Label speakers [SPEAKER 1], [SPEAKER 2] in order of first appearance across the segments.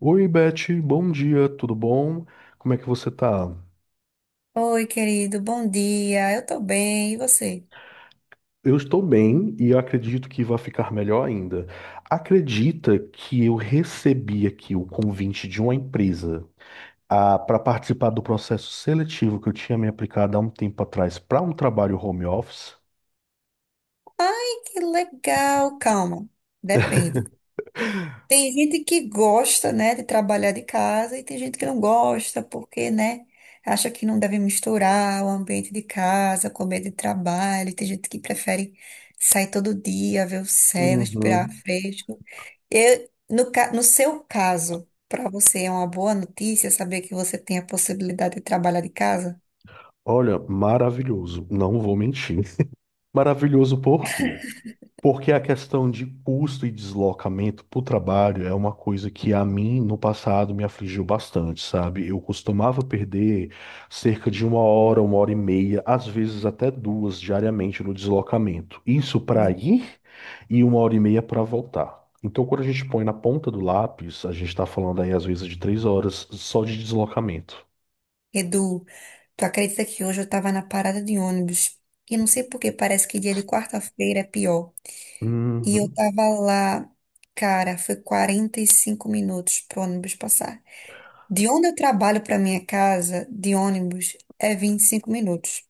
[SPEAKER 1] Oi, Beth, bom dia, tudo bom? Como é que você tá?
[SPEAKER 2] Oi, querido, bom dia. Eu tô bem, e você?
[SPEAKER 1] Eu estou bem e acredito que vai ficar melhor ainda. Acredita que eu recebi aqui o convite de uma empresa para participar do processo seletivo que eu tinha me aplicado há um tempo atrás para um trabalho home office?
[SPEAKER 2] Ai, que legal. Calma, depende. Tem gente que gosta, né, de trabalhar de casa e tem gente que não gosta porque, né, acha que não deve misturar o ambiente de casa com o ambiente de trabalho. Tem gente que prefere sair todo dia, ver o céu, respirar
[SPEAKER 1] Uhum.
[SPEAKER 2] fresco. Eu, no, ca- No seu caso, para você é uma boa notícia saber que você tem a possibilidade de trabalhar de casa?
[SPEAKER 1] Olha, maravilhoso, não vou mentir. Maravilhoso por quê? Porque a questão de custo e deslocamento para o trabalho é uma coisa que a mim no passado me afligiu bastante, sabe? Eu costumava perder cerca de uma hora e meia, às vezes até duas diariamente no deslocamento. Isso para
[SPEAKER 2] Não.
[SPEAKER 1] ir e uma hora e meia para voltar. Então, quando a gente põe na ponta do lápis, a gente está falando aí às vezes de 3 horas só de deslocamento.
[SPEAKER 2] Edu. Tu acredita que hoje eu tava na parada de ônibus e não sei por que, parece que dia de quarta-feira é pior. E eu
[SPEAKER 1] Uhum.
[SPEAKER 2] tava lá, cara, foi 45 minutos pro ônibus passar. De onde eu trabalho pra minha casa, de ônibus, é 25 minutos.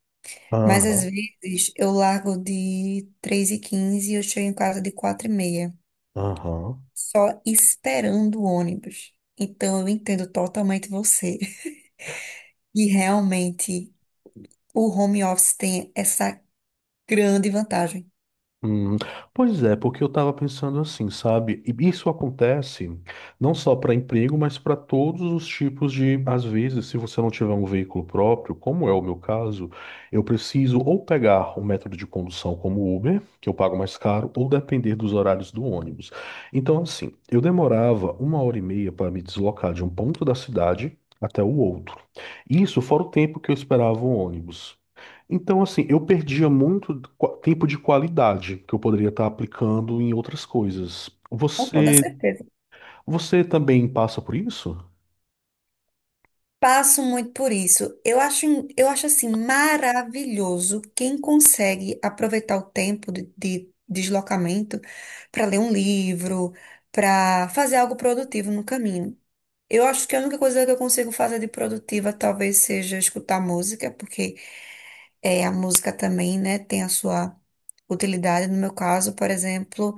[SPEAKER 2] Mas às
[SPEAKER 1] Aham.
[SPEAKER 2] vezes eu largo de 3:15 e eu chego em casa de 4:30,
[SPEAKER 1] Aham.
[SPEAKER 2] só esperando o ônibus. Então eu entendo totalmente você. E realmente o home office tem essa grande vantagem.
[SPEAKER 1] Hum, pois é, porque eu estava pensando assim, sabe? E isso acontece não só para emprego, mas para todos os tipos de, às vezes, se você não tiver um veículo próprio, como é o meu caso, eu preciso ou pegar um método de condução como o Uber, que eu pago mais caro, ou depender dos horários do ônibus. Então, assim, eu demorava uma hora e meia para me deslocar de um ponto da cidade até o outro. Isso fora o tempo que eu esperava o ônibus. Então, assim, eu perdia muito tempo de qualidade que eu poderia estar aplicando em outras coisas.
[SPEAKER 2] Com toda
[SPEAKER 1] Você,
[SPEAKER 2] certeza.
[SPEAKER 1] você também passa por isso?
[SPEAKER 2] Passo muito por isso. Eu acho assim maravilhoso quem consegue aproveitar o tempo de deslocamento para ler um livro, para fazer algo produtivo no caminho. Eu acho que a única coisa que eu consigo fazer de produtiva talvez seja escutar música, porque é, a música também, né, tem a sua utilidade. No meu caso, por exemplo.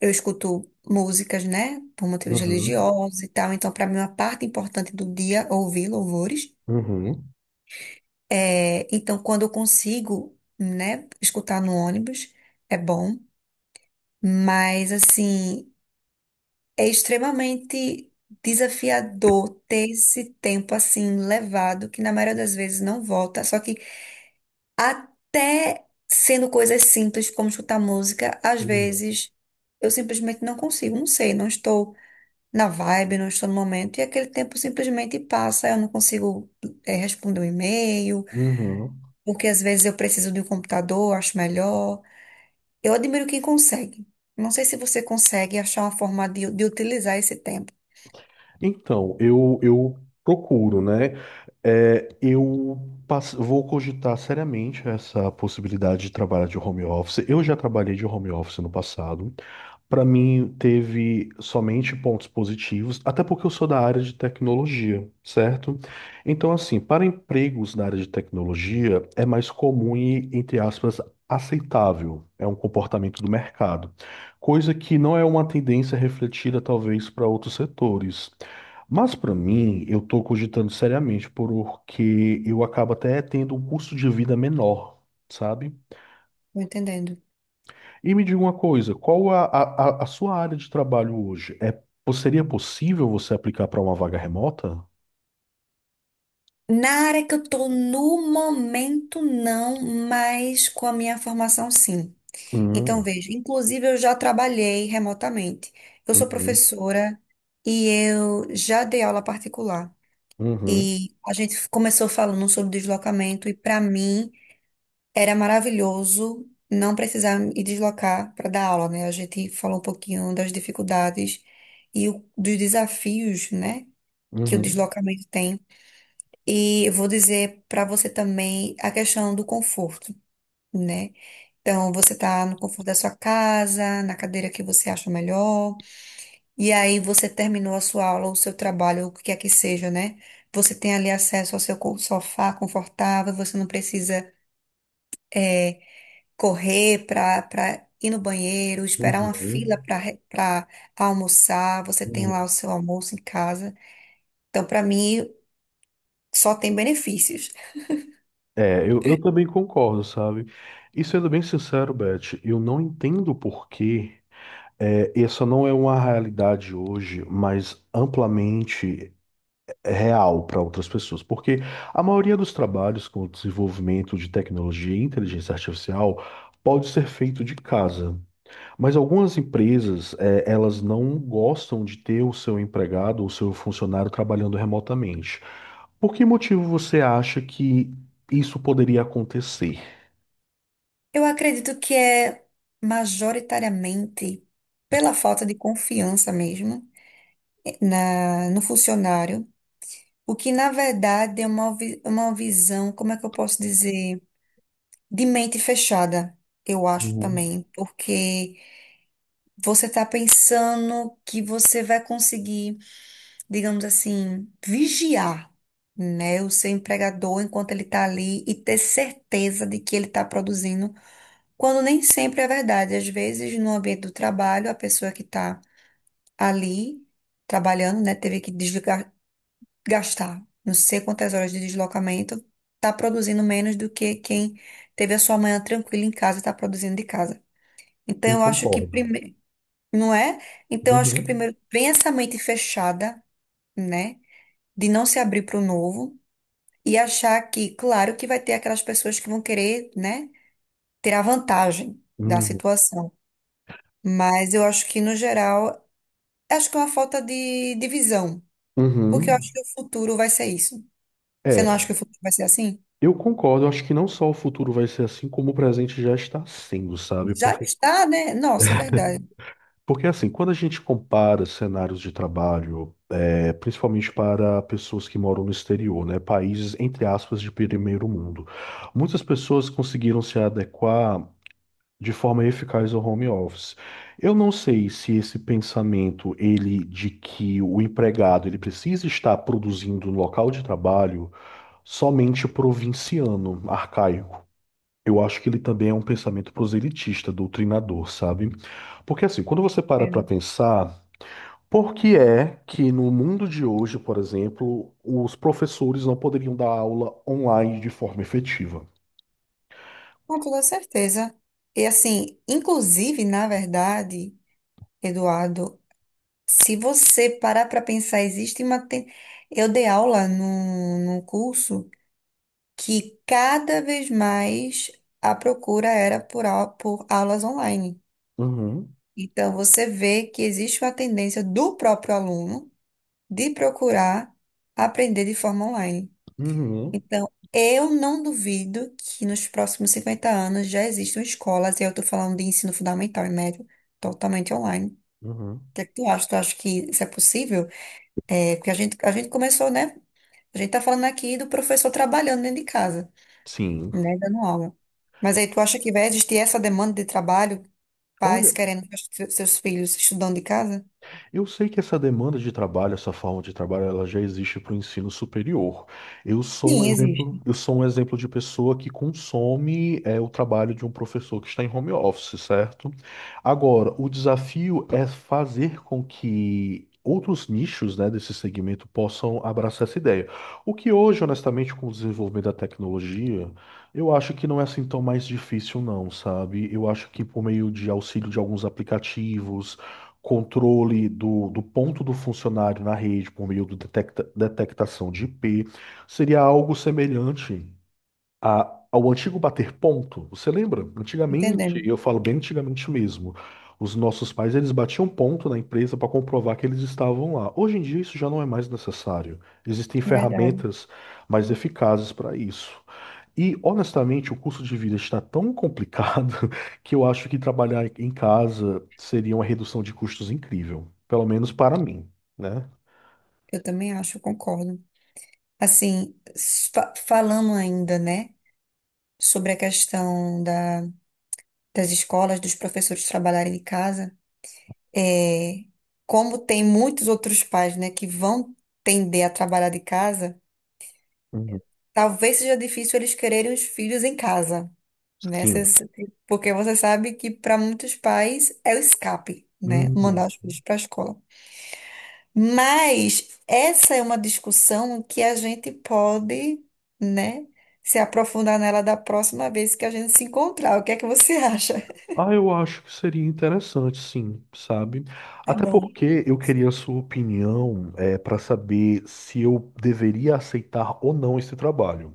[SPEAKER 2] Eu escuto músicas, né, por motivos
[SPEAKER 1] Uhum,
[SPEAKER 2] religiosos e tal, então para mim uma parte importante do dia é ouvir louvores.
[SPEAKER 1] uhum,
[SPEAKER 2] É, então quando eu consigo, né, escutar no ônibus é bom, mas assim, é extremamente desafiador ter esse tempo assim levado, que na maioria das vezes não volta, só que até sendo coisas simples como escutar música, às
[SPEAKER 1] uhum,
[SPEAKER 2] vezes eu simplesmente não consigo, não sei, não estou na vibe, não estou no momento, e aquele tempo simplesmente passa, eu não consigo responder um e-mail,
[SPEAKER 1] uhum.
[SPEAKER 2] porque às vezes eu preciso de um computador, acho melhor. Eu admiro quem consegue. Não sei se você consegue achar uma forma de utilizar esse tempo,
[SPEAKER 1] Então, eu procuro, né? É, eu vou cogitar seriamente essa possibilidade de trabalhar de home office. Eu já trabalhei de home office no passado. Para mim, teve somente pontos positivos, até porque eu sou da área de tecnologia, certo? Então, assim, para empregos na área de tecnologia, é mais comum e, entre aspas, aceitável. É um comportamento do mercado, coisa que não é uma tendência refletida, talvez, para outros setores. Mas, para mim, eu estou cogitando seriamente, porque eu acabo até tendo um custo de vida menor, sabe?
[SPEAKER 2] tô entendendo?
[SPEAKER 1] E me diga uma coisa, qual a sua área de trabalho hoje? É, seria possível você aplicar para uma vaga remota?
[SPEAKER 2] Na área que eu estou no momento, não, mas com a minha formação, sim. Então,
[SPEAKER 1] Hum,
[SPEAKER 2] veja, inclusive eu já trabalhei remotamente. Eu sou
[SPEAKER 1] uhum,
[SPEAKER 2] professora e eu já dei aula particular.
[SPEAKER 1] uhum,
[SPEAKER 2] E a gente começou falando sobre deslocamento, e para mim era maravilhoso não precisar me deslocar para dar aula, né? A gente falou um pouquinho das dificuldades e dos desafios, né, que o
[SPEAKER 1] uhum,
[SPEAKER 2] deslocamento tem. E eu vou dizer para você também a questão do conforto, né? Então, você tá no conforto da sua casa, na cadeira que você acha melhor. E aí você terminou a sua aula, o seu trabalho, o que quer que seja, né? Você tem ali acesso ao seu sofá confortável, você não precisa eh, correr para ir no banheiro, esperar uma fila
[SPEAKER 1] uhum,
[SPEAKER 2] para almoçar, você tem
[SPEAKER 1] uhum.
[SPEAKER 2] lá o seu almoço em casa. Então, para mim, só tem benefícios.
[SPEAKER 1] É, eu também concordo, sabe? E sendo bem sincero, Beth, eu não entendo por que é, essa não é uma realidade hoje, mas amplamente real para outras pessoas, porque a maioria dos trabalhos com o desenvolvimento de tecnologia e inteligência artificial pode ser feito de casa, mas algumas empresas, eh, elas não gostam de ter o seu empregado ou seu funcionário trabalhando remotamente. Por que motivo você acha que isso poderia acontecer?
[SPEAKER 2] Eu acredito que é majoritariamente pela falta de confiança mesmo no funcionário. O que, na verdade, é é uma visão, como é que eu posso dizer? De mente fechada, eu acho
[SPEAKER 1] Uhum.
[SPEAKER 2] também. Porque você está pensando que você vai conseguir, digamos assim, vigiar, né, o seu empregador enquanto ele está ali e ter certeza de que ele está produzindo, quando nem sempre é verdade. Às vezes, no ambiente do trabalho, a pessoa que está ali trabalhando, né, teve que desligar, gastar não sei quantas horas de deslocamento, tá produzindo menos do que quem teve a sua manhã tranquila em casa e tá produzindo de casa. Então
[SPEAKER 1] Eu
[SPEAKER 2] eu acho que
[SPEAKER 1] concordo.
[SPEAKER 2] primeiro, não é? Então eu acho que
[SPEAKER 1] Uhum.
[SPEAKER 2] primeiro vem essa mente fechada, né, de não se abrir para o novo e achar que, claro, que vai ter aquelas pessoas que vão querer, né, ter a vantagem da
[SPEAKER 1] Uhum.
[SPEAKER 2] situação. Mas eu acho que no geral, acho que é uma falta de visão, porque eu
[SPEAKER 1] Uhum.
[SPEAKER 2] acho que o futuro vai ser isso. Você não acha
[SPEAKER 1] É,
[SPEAKER 2] que o futuro vai ser assim?
[SPEAKER 1] eu concordo. Eu acho que não só o futuro vai ser assim, como o presente já está sendo, sabe?
[SPEAKER 2] Já
[SPEAKER 1] Porque
[SPEAKER 2] está, né? Nossa, é verdade.
[SPEAKER 1] Porque assim, quando a gente compara cenários de trabalho, é, principalmente para pessoas que moram no exterior, né, países entre aspas de primeiro mundo, muitas pessoas conseguiram se adequar de forma eficaz ao home office. Eu não sei se esse pensamento, ele de que o empregado ele precisa estar produzindo no local de trabalho somente provinciano, arcaico. Eu acho que ele também é um pensamento proselitista, doutrinador, sabe? Porque assim, quando você para para
[SPEAKER 2] Entende?
[SPEAKER 1] pensar por que é que no mundo de hoje, por exemplo, os professores não poderiam dar aula online de forma efetiva?
[SPEAKER 2] Com toda certeza. E assim, inclusive, na verdade, Eduardo, se você parar para pensar, existe Eu dei aula num curso que cada vez mais a procura era por aulas online.
[SPEAKER 1] Uhum,
[SPEAKER 2] Então, você vê que existe uma tendência do próprio aluno de procurar aprender de forma online.
[SPEAKER 1] uhum,
[SPEAKER 2] Então, eu não duvido que nos próximos 50 anos já existam escolas, e eu estou falando de ensino fundamental e médio, totalmente online.
[SPEAKER 1] uhum.
[SPEAKER 2] O que é que tu acha? Tu acha que isso é possível? É, porque a gente começou, né? A gente tá falando aqui do professor trabalhando dentro de casa,
[SPEAKER 1] Sim.
[SPEAKER 2] né? Dando aula. Mas aí tu acha que vai existir essa demanda de trabalho, pais querendo que os seus filhos estudando de casa?
[SPEAKER 1] Eu sei que essa demanda de trabalho, essa forma de trabalho, ela já existe para o ensino superior. Eu sou
[SPEAKER 2] Sim,
[SPEAKER 1] um exemplo,
[SPEAKER 2] existe.
[SPEAKER 1] eu sou um exemplo de pessoa que consome é, o trabalho de um professor que está em home office, certo? Agora, o desafio é fazer com que outros nichos, né, desse segmento possam abraçar essa ideia. O que hoje, honestamente, com o desenvolvimento da tecnologia, eu acho que não é assim tão mais difícil, não, sabe? Eu acho que por meio de auxílio de alguns aplicativos controle do, do ponto do funcionário na rede por meio do detectação de I P seria algo semelhante ao antigo bater ponto. Você lembra?
[SPEAKER 2] Entendendo.
[SPEAKER 1] Antigamente, e eu falo bem antigamente mesmo, os nossos pais eles batiam ponto na empresa para comprovar que eles estavam lá. Hoje em dia isso já não é mais necessário. Existem
[SPEAKER 2] É verdade.
[SPEAKER 1] ferramentas mais eficazes para isso. E honestamente, o custo de vida está tão complicado que eu acho que trabalhar em casa seria uma redução de custos incrível, pelo menos para mim, né?
[SPEAKER 2] Eu também acho, eu concordo. Assim, falando ainda, né, sobre a questão das escolas, dos professores trabalharem de casa, é, como tem muitos outros pais, né, que vão tender a trabalhar de casa,
[SPEAKER 1] Uhum.
[SPEAKER 2] talvez seja difícil eles quererem os filhos em casa, né? Cês-
[SPEAKER 1] Sim.
[SPEAKER 2] Porque você sabe que para muitos pais é o escape, né, mandar
[SPEAKER 1] Uhum.
[SPEAKER 2] os filhos para a escola. Mas essa é uma discussão que a gente pode, né, se aprofundar nela da próxima vez que a gente se encontrar. O que é que você acha?
[SPEAKER 1] Ah, eu acho que seria interessante, sim, sabe?
[SPEAKER 2] Tá
[SPEAKER 1] Até
[SPEAKER 2] bom.
[SPEAKER 1] porque eu queria a sua opinião, é, para saber se eu deveria aceitar ou não esse trabalho.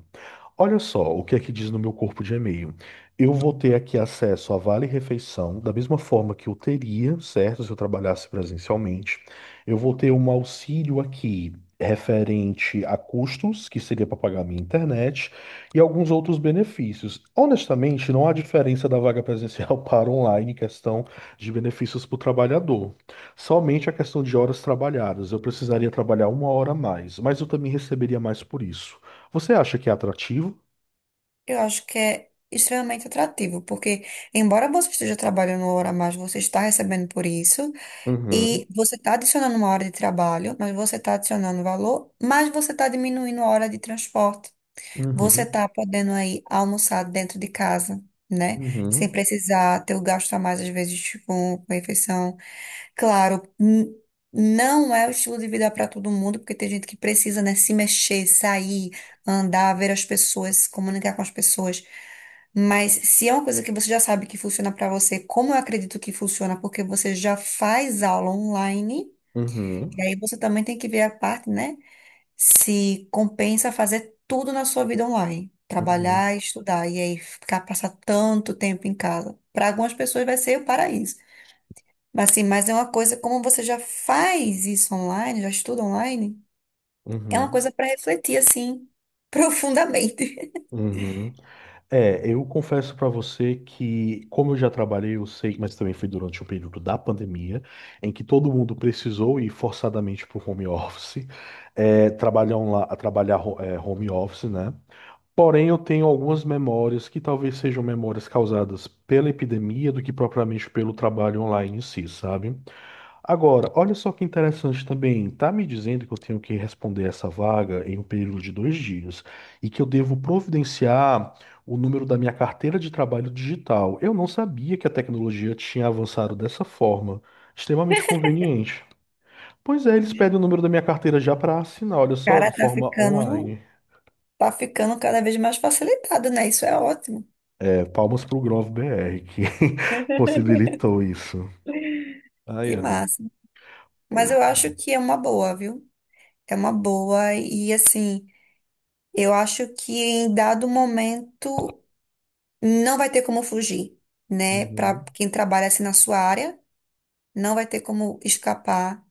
[SPEAKER 1] Olha só o que é que diz no meu corpo de e-mail. Eu vou ter aqui acesso a Vale Refeição, da mesma forma que eu teria, certo? Se eu trabalhasse presencialmente. Eu vou ter um auxílio aqui referente a custos, que seria para pagar minha internet e alguns outros benefícios. Honestamente, não há diferença da vaga presencial para online em questão de benefícios para o trabalhador. Somente a questão de horas trabalhadas. Eu precisaria trabalhar uma hora a mais, mas eu também receberia mais por isso. Você acha que é atrativo?
[SPEAKER 2] Eu acho que é extremamente atrativo, porque embora você esteja trabalhando uma hora a mais, você está recebendo por isso,
[SPEAKER 1] Uhum,
[SPEAKER 2] e você está adicionando uma hora de trabalho, mas você está adicionando valor, mas você está diminuindo a hora de transporte. Você
[SPEAKER 1] uhum,
[SPEAKER 2] está podendo aí almoçar dentro de casa, né? Sem
[SPEAKER 1] uhum,
[SPEAKER 2] precisar ter o gasto a mais, às vezes, com refeição. Claro, não é o estilo de vida para todo mundo, porque tem gente que precisa, né, se mexer, sair, andar, ver as pessoas, se comunicar com as pessoas. Mas se é uma coisa que você já sabe que funciona para você, como eu acredito que funciona, porque você já faz aula online,
[SPEAKER 1] uhum,
[SPEAKER 2] e aí você também tem que ver a parte, né, se compensa fazer tudo na sua vida online,
[SPEAKER 1] uhum,
[SPEAKER 2] trabalhar, estudar, e aí ficar passar tanto tempo em casa. Para algumas pessoas vai ser o paraíso. Assim, mas é uma coisa, como você já faz isso online, já estuda online, é uma
[SPEAKER 1] uhum,
[SPEAKER 2] coisa para refletir, assim, profundamente.
[SPEAKER 1] uhum, É, eu confesso para você que, como eu já trabalhei, eu sei, mas também foi durante o período da pandemia, em que todo mundo precisou ir forçadamente para o home office, é, trabalhar, trabalhar home office, né? Porém, eu tenho algumas memórias que talvez sejam memórias causadas pela epidemia do que propriamente pelo trabalho online em si, sabe? Agora, olha só que interessante também. Tá me dizendo que eu tenho que responder essa vaga em um período de 2 dias e que eu devo providenciar o número da minha carteira de trabalho digital. Eu não sabia que a tecnologia tinha avançado dessa forma. Extremamente conveniente. Pois é, eles pedem o número da minha carteira já para assinar, olha só,
[SPEAKER 2] Cara,
[SPEAKER 1] de
[SPEAKER 2] tá
[SPEAKER 1] forma
[SPEAKER 2] ficando,
[SPEAKER 1] online.
[SPEAKER 2] tá ficando cada vez mais facilitado, né? Isso é ótimo.
[SPEAKER 1] É, palmas pro Grove BR que possibilitou isso. Ai,
[SPEAKER 2] Que
[SPEAKER 1] ai.
[SPEAKER 2] massa. Mas
[SPEAKER 1] Pois.
[SPEAKER 2] eu acho que é uma boa, viu? É uma boa. E, assim, eu acho que em dado momento não vai ter como fugir, né? Para
[SPEAKER 1] Uhum,
[SPEAKER 2] quem trabalha assim na sua área, não vai ter como escapar.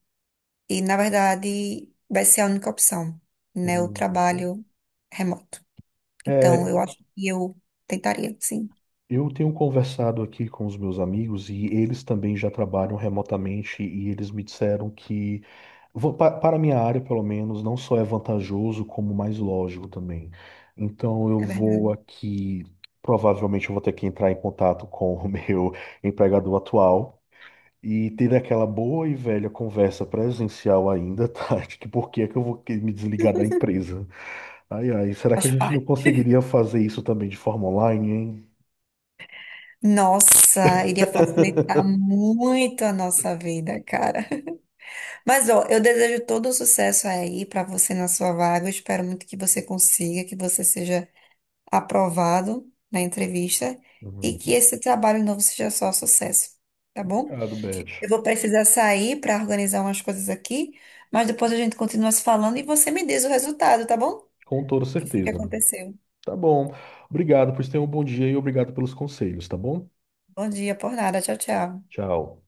[SPEAKER 2] E, na verdade, vai ser a única opção, né? O
[SPEAKER 1] uhum.
[SPEAKER 2] trabalho remoto. Então, eu acho que eu tentaria, sim,
[SPEAKER 1] Eu tenho conversado aqui com os meus amigos e eles também já trabalham remotamente e eles me disseram que, para a minha área, pelo menos, não só é vantajoso, como mais lógico também. Então, eu
[SPEAKER 2] é
[SPEAKER 1] vou
[SPEAKER 2] verdade.
[SPEAKER 1] aqui, provavelmente, eu vou ter que entrar em contato com o meu empregador atual e ter aquela boa e velha conversa presencial ainda, tá? De que por que é que eu vou me desligar da empresa? Ai, ai, será que
[SPEAKER 2] Faz
[SPEAKER 1] a gente não
[SPEAKER 2] parte.
[SPEAKER 1] conseguiria fazer isso também de forma online, hein?
[SPEAKER 2] Nossa, iria facilitar muito a nossa vida, cara. Mas, ó, eu desejo todo o sucesso aí pra você na sua vaga. Eu espero muito que você consiga, que você seja aprovado na entrevista e que
[SPEAKER 1] Uhum.
[SPEAKER 2] esse trabalho novo seja só sucesso, tá bom?
[SPEAKER 1] Obrigado, Beth.
[SPEAKER 2] Eu vou precisar sair para organizar umas coisas aqui, mas depois a gente continua se falando e você me diz o resultado, tá bom? O
[SPEAKER 1] Com toda
[SPEAKER 2] que foi que
[SPEAKER 1] certeza.
[SPEAKER 2] aconteceu?
[SPEAKER 1] Tá bom. Obrigado, pois tenha um bom dia e obrigado pelos conselhos, tá bom?
[SPEAKER 2] Bom dia, por nada. Tchau, tchau.
[SPEAKER 1] Tchau.